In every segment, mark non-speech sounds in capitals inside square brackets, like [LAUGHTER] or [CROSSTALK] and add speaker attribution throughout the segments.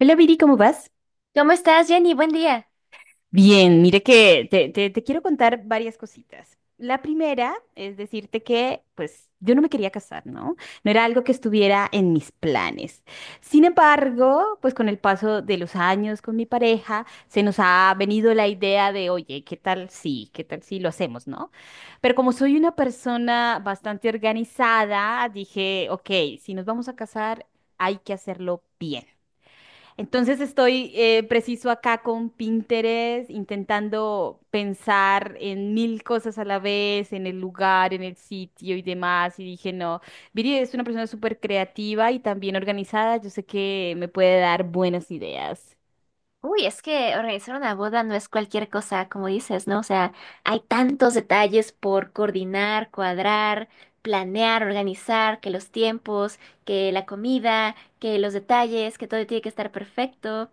Speaker 1: Hola Viri, ¿cómo vas?
Speaker 2: ¿Cómo estás, Jenny? Buen día.
Speaker 1: Bien, mire que te quiero contar varias cositas. La primera es decirte que, pues, yo no me quería casar, ¿no? No era algo que estuviera en mis planes. Sin embargo, pues con el paso de los años con mi pareja, se nos ha venido la idea de, oye, ¿qué tal si lo hacemos, ¿no? Pero como soy una persona bastante organizada, dije, ok, si nos vamos a casar, hay que hacerlo bien. Entonces estoy preciso acá con Pinterest, intentando pensar en mil cosas a la vez, en el lugar, en el sitio y demás. Y dije, no, Viri es una persona súper creativa y también organizada. Yo sé que me puede dar buenas ideas.
Speaker 2: Uy, es que organizar una boda no es cualquier cosa, como dices, ¿no? O sea, hay tantos detalles por coordinar, cuadrar, planear, organizar, que los tiempos, que la comida, que los detalles, que todo tiene que estar perfecto.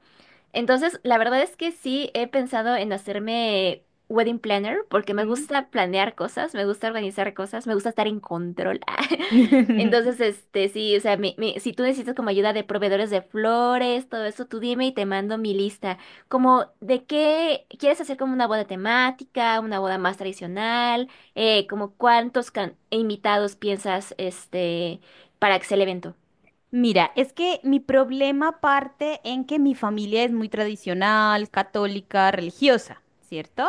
Speaker 2: Entonces, la verdad es que sí he pensado en hacerme wedding planner porque me
Speaker 1: ¿Mm?
Speaker 2: gusta planear cosas, me gusta organizar cosas, me gusta estar en control. [LAUGHS] Entonces,
Speaker 1: [LAUGHS]
Speaker 2: sí, o sea, si tú necesitas como ayuda de proveedores de flores, todo eso, tú dime y te mando mi lista. Como de qué quieres hacer como una boda temática, una boda más tradicional, como cuántos invitados piensas, para que sea el evento.
Speaker 1: Mira, es que mi problema parte en que mi familia es muy tradicional, católica, religiosa, ¿cierto?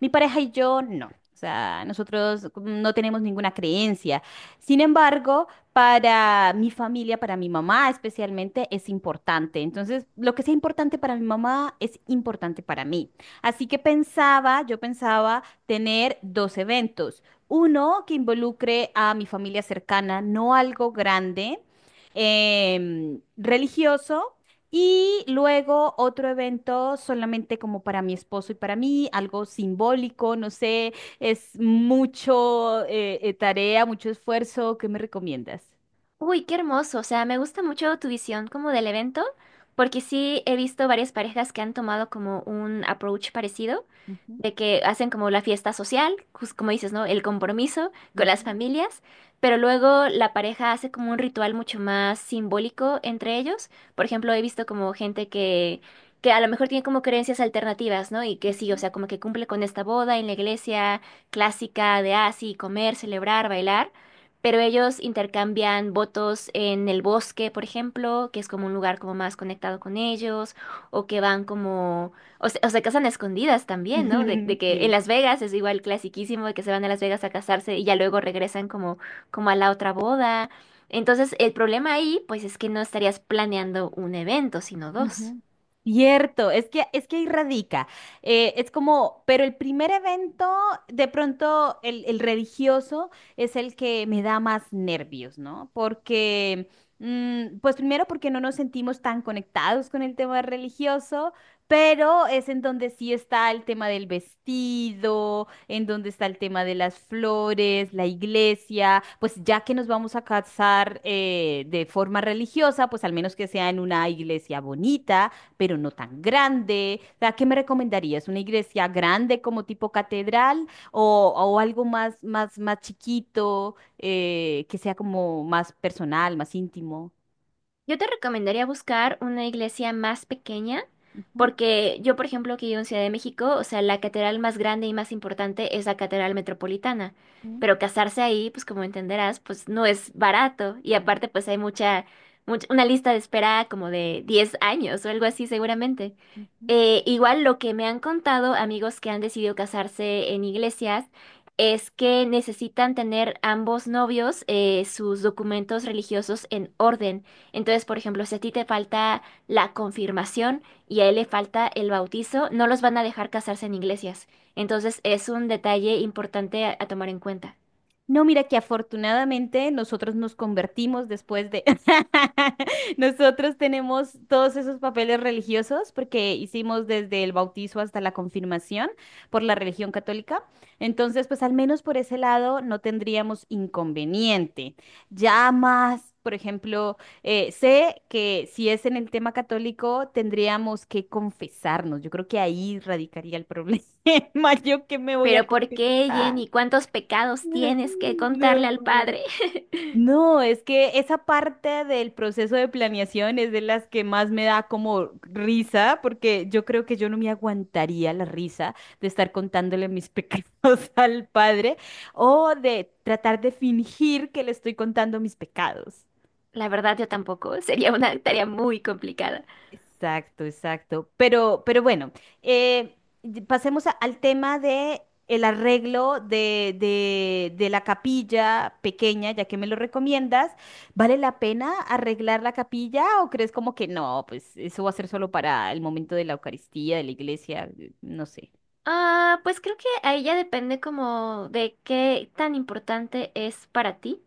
Speaker 1: Mi pareja y yo no. O sea, nosotros no tenemos ninguna creencia. Sin embargo, para mi familia, para mi mamá especialmente, es importante. Entonces, lo que sea importante para mi mamá es importante para mí. Así que pensaba, yo pensaba tener dos eventos. Uno que involucre a mi familia cercana, no algo grande religioso, y luego otro evento solamente como para mi esposo y para mí, algo simbólico, no sé, es mucho tarea, mucho esfuerzo. ¿Qué me recomiendas?
Speaker 2: Uy, qué hermoso. O sea, me gusta mucho tu visión como del evento, porque sí he visto varias parejas que han tomado como un approach parecido,
Speaker 1: Ujú,
Speaker 2: de que hacen como la fiesta social, como dices, ¿no? El compromiso con las
Speaker 1: ujú,
Speaker 2: familias, pero luego la pareja hace como un ritual mucho más simbólico entre ellos. Por ejemplo, he visto como gente que a lo mejor tiene como creencias alternativas, ¿no? Y que sí, o
Speaker 1: ujú.
Speaker 2: sea, como que cumple con esta boda en la iglesia clásica de así, comer, celebrar, bailar, pero ellos intercambian votos en el bosque, por ejemplo, que es como un lugar como más conectado con ellos, o que van como, o se casan a escondidas también, ¿no? De
Speaker 1: [LAUGHS]
Speaker 2: que en
Speaker 1: Sí.
Speaker 2: Las Vegas es igual clasiquísimo de que se van a Las Vegas a casarse y ya luego regresan como, como a la otra boda. Entonces, el problema ahí, pues es que no estarías planeando un evento, sino dos.
Speaker 1: Ujú. Cierto, es que ahí radica. Es como, pero el primer evento, de pronto el religioso es el que me da más nervios, ¿no? Porque, mm, pues primero porque no nos sentimos tan conectados con el tema religioso, pero es en donde sí está el tema del vestido, en donde está el tema de las flores, la iglesia, pues ya que nos vamos a casar de forma religiosa, pues al menos que sea en una iglesia bonita, pero no tan grande. O sea, ¿qué me recomendarías? ¿Una iglesia grande como tipo catedral o algo más chiquito, que sea como más personal, más íntimo?
Speaker 2: Yo te recomendaría buscar una iglesia más pequeña,
Speaker 1: Ujú,
Speaker 2: porque yo, por ejemplo, que vivo en Ciudad de México, o sea, la catedral más grande y más importante es la Catedral Metropolitana.
Speaker 1: ujú,
Speaker 2: Pero casarse ahí, pues como entenderás, pues no es barato. Y
Speaker 1: ujú.
Speaker 2: aparte, pues hay una lista de espera como de 10 años o algo así seguramente.
Speaker 1: Ujú.
Speaker 2: Igual lo que me han contado amigos que han decidido casarse en iglesias es que necesitan tener ambos novios sus documentos religiosos en orden. Entonces, por ejemplo, si a ti te falta la confirmación y a él le falta el bautizo, no los van a dejar casarse en iglesias. Entonces, es un detalle importante a tomar en cuenta.
Speaker 1: No, mira que afortunadamente nosotros nos convertimos después de... [LAUGHS] Nosotros tenemos todos esos papeles religiosos porque hicimos desde el bautizo hasta la confirmación por la religión católica. Entonces, pues al menos por ese lado no tendríamos inconveniente. Ya más, por ejemplo, sé que si es en el tema católico, tendríamos que confesarnos. Yo creo que ahí radicaría el problema. [LAUGHS] ¿Yo que me voy a
Speaker 2: Pero ¿por qué,
Speaker 1: confesar?
Speaker 2: Jenny? ¿Cuántos pecados tienes que contarle
Speaker 1: No.
Speaker 2: al padre? [LAUGHS]
Speaker 1: No, es que esa parte del proceso de planeación es de las que más me da como risa, porque yo creo que yo no me aguantaría la risa de estar contándole mis pecados [LAUGHS] al padre o de tratar de fingir que le estoy contando mis pecados.
Speaker 2: La verdad, yo tampoco. Sería una tarea muy complicada.
Speaker 1: Exacto, exacto. Pero bueno, eh, y pasemos al tema de el arreglo de la capilla pequeña, ya que me lo recomiendas. ¿Vale la pena arreglar la capilla o crees como que no? Pues eso va a ser solo para el momento de la Eucaristía, de la iglesia, no sé.
Speaker 2: Ah, pues creo que ahí ya depende como de qué tan importante es para ti.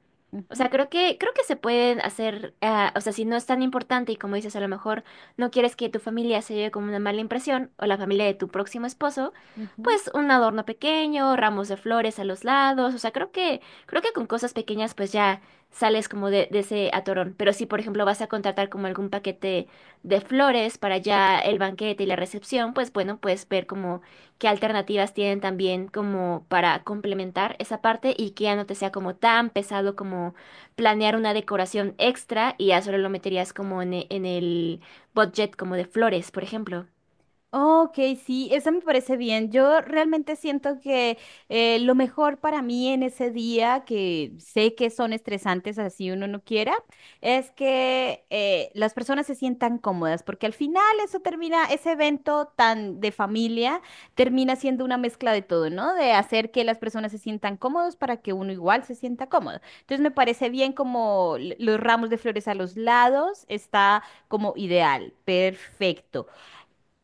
Speaker 2: O sea,
Speaker 1: Ujú,
Speaker 2: creo que se pueden hacer, ah, o sea, si no es tan importante y como dices, a lo mejor no quieres que tu familia se lleve como una mala impresión o la familia de tu próximo esposo,
Speaker 1: ujú.
Speaker 2: pues un adorno pequeño, ramos de flores a los lados, o sea, creo que con cosas pequeñas pues ya sales como de ese atorón. Pero si, por ejemplo, vas a contratar como algún paquete de flores para ya el banquete y la recepción, pues bueno, puedes ver como qué alternativas tienen también como para complementar esa parte y que ya no te sea como tan pesado como planear una decoración extra y ya solo lo meterías como en, en el budget como de flores, por ejemplo.
Speaker 1: Ok, sí, eso me parece bien. Yo realmente siento que lo mejor para mí en ese día, que sé que son estresantes así uno no quiera, es que las personas se sientan cómodas, porque al final eso termina, ese evento tan de familia termina siendo una mezcla de todo, ¿no? De hacer que las personas se sientan cómodos para que uno igual se sienta cómodo. Entonces me parece bien como los ramos de flores a los lados, está como ideal, perfecto.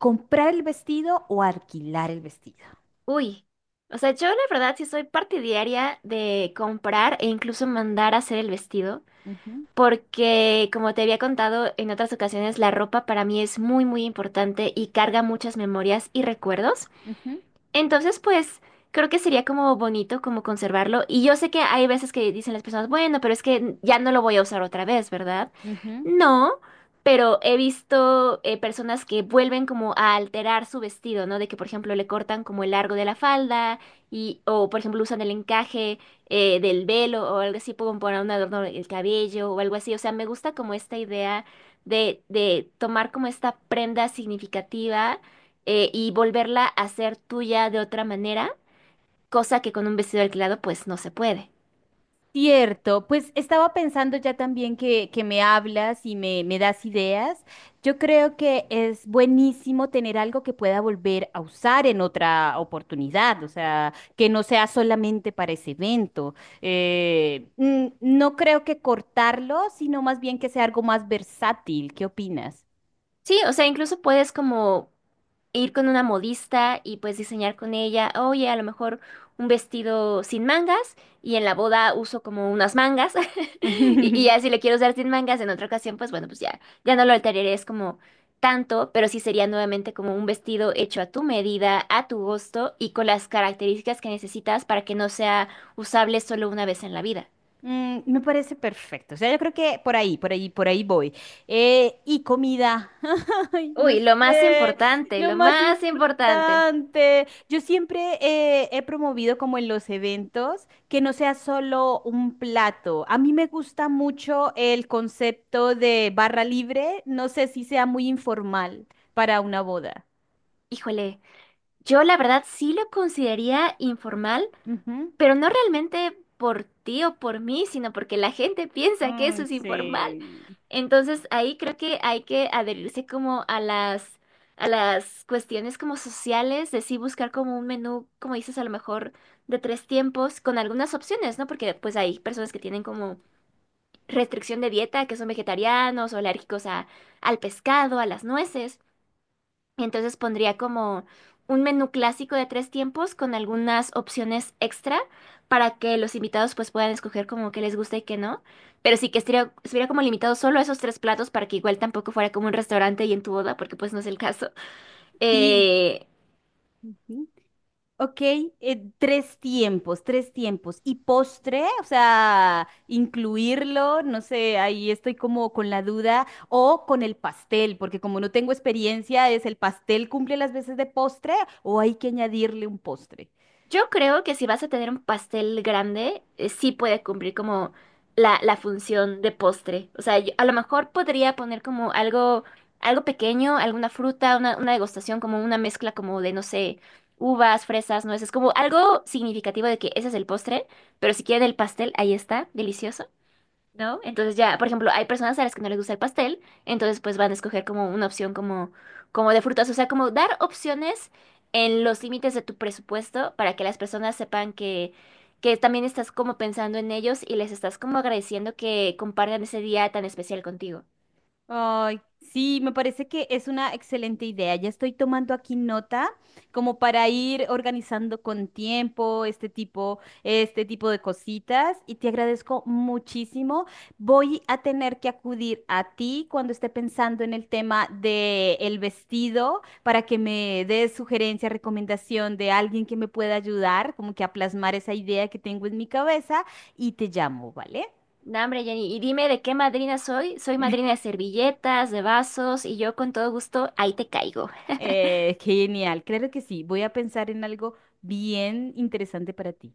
Speaker 1: ¿Comprar el vestido o alquilar el vestido?
Speaker 2: Uy, o sea, yo la verdad sí soy partidaria de comprar e incluso mandar a hacer el vestido.
Speaker 1: Ujú,
Speaker 2: Porque, como te había contado en otras ocasiones, la ropa para mí es muy, muy importante y carga muchas memorias y recuerdos.
Speaker 1: ujú,
Speaker 2: Entonces, pues creo que sería como bonito como conservarlo. Y yo sé que hay veces que dicen las personas, bueno, pero es que ya no lo voy a usar otra vez, ¿verdad?
Speaker 1: ujú.
Speaker 2: No, pero he visto personas que vuelven como a alterar su vestido, ¿no? De que, por ejemplo, le cortan como el largo de la falda y, o, por ejemplo, usan el encaje del velo o algo así, pueden poner un adorno en el cabello o algo así. O sea, me gusta como esta idea de tomar como esta prenda significativa y volverla a ser tuya de otra manera, cosa que con un vestido alquilado pues no se puede.
Speaker 1: Cierto, pues estaba pensando ya también que me hablas y me das ideas. Yo creo que es buenísimo tener algo que pueda volver a usar en otra oportunidad, o sea, que no sea solamente para ese evento. Mm, no creo que cortarlo, sino más bien que sea algo más versátil. ¿Qué opinas?
Speaker 2: Sí, o sea, incluso puedes como ir con una modista y pues diseñar con ella, oye, a lo mejor un vestido sin mangas y en la boda uso como unas mangas [LAUGHS] y ya
Speaker 1: [LAUGHS]
Speaker 2: si le quiero usar sin mangas en otra ocasión, pues bueno, pues ya no lo alteraré, es como tanto, pero sí sería nuevamente como un vestido hecho a tu medida, a tu gusto y con las características que necesitas para que no sea usable solo una vez en la vida.
Speaker 1: Mm, me parece perfecto. O sea, yo creo que por ahí voy. Y comida. [LAUGHS] Ay, no
Speaker 2: Uy, lo más
Speaker 1: sé,
Speaker 2: importante,
Speaker 1: lo
Speaker 2: lo
Speaker 1: más
Speaker 2: más importante.
Speaker 1: importante. Yo siempre he promovido como en los eventos que no sea solo un plato. A mí me gusta mucho el concepto de barra libre. No sé si sea muy informal para una boda.
Speaker 2: Híjole, yo la verdad sí lo consideraría informal.
Speaker 1: Ujú.
Speaker 2: Pero no realmente por ti o por mí, sino porque la gente piensa que
Speaker 1: Ay,
Speaker 2: eso es informal.
Speaker 1: sí.
Speaker 2: Entonces ahí creo que hay que adherirse como a a las cuestiones como sociales, de sí buscar como un menú, como dices, a lo mejor de tres tiempos, con algunas opciones, ¿no? Porque pues hay personas que tienen como restricción de dieta, que son vegetarianos o alérgicos al pescado, a las nueces. Entonces pondría como un menú clásico de tres tiempos con algunas opciones extra para que los invitados pues puedan escoger como que les gusta y que no. Pero sí que estuviera como limitado solo a esos tres platos para que igual tampoco fuera como un restaurante y en tu boda, porque pues no es el caso.
Speaker 1: Sí.
Speaker 2: Eh,
Speaker 1: Ujú. Ok, tres tiempos. ¿Y postre? O sea, incluirlo, no sé, ahí estoy como con la duda. O con el pastel, porque como no tengo experiencia, ¿es el pastel cumple las veces de postre o hay que añadirle un postre?
Speaker 2: Yo creo que si vas a tener un pastel grande, sí puede cumplir como la función de postre. O sea, yo a lo mejor podría poner como algo pequeño, alguna fruta, una degustación, como una mezcla como de, no sé, uvas, fresas, nueces, como algo significativo de que ese es el postre, pero si quieren el pastel, ahí está, delicioso. ¿No? Entonces ya, por ejemplo, hay personas a las que no les gusta el pastel, entonces pues van a escoger como una opción como de frutas, o sea, como dar opciones en los límites de tu presupuesto para que las personas sepan que también estás como pensando en ellos y les estás como agradeciendo que compartan ese día tan especial contigo.
Speaker 1: Ay, sí, me parece que es una excelente idea. Ya estoy tomando aquí nota como para ir organizando con tiempo este tipo de cositas y te agradezco muchísimo. Voy a tener que acudir a ti cuando esté pensando en el tema de el vestido para que me des sugerencia, recomendación de alguien que me pueda ayudar, como que a plasmar esa idea que tengo en mi cabeza y te llamo, ¿vale?
Speaker 2: No, hombre, Jenny, y dime de qué madrina soy. Soy madrina de servilletas, de vasos, y yo con todo gusto ahí te caigo.
Speaker 1: Genial, claro que sí. Voy a pensar en algo bien interesante para ti.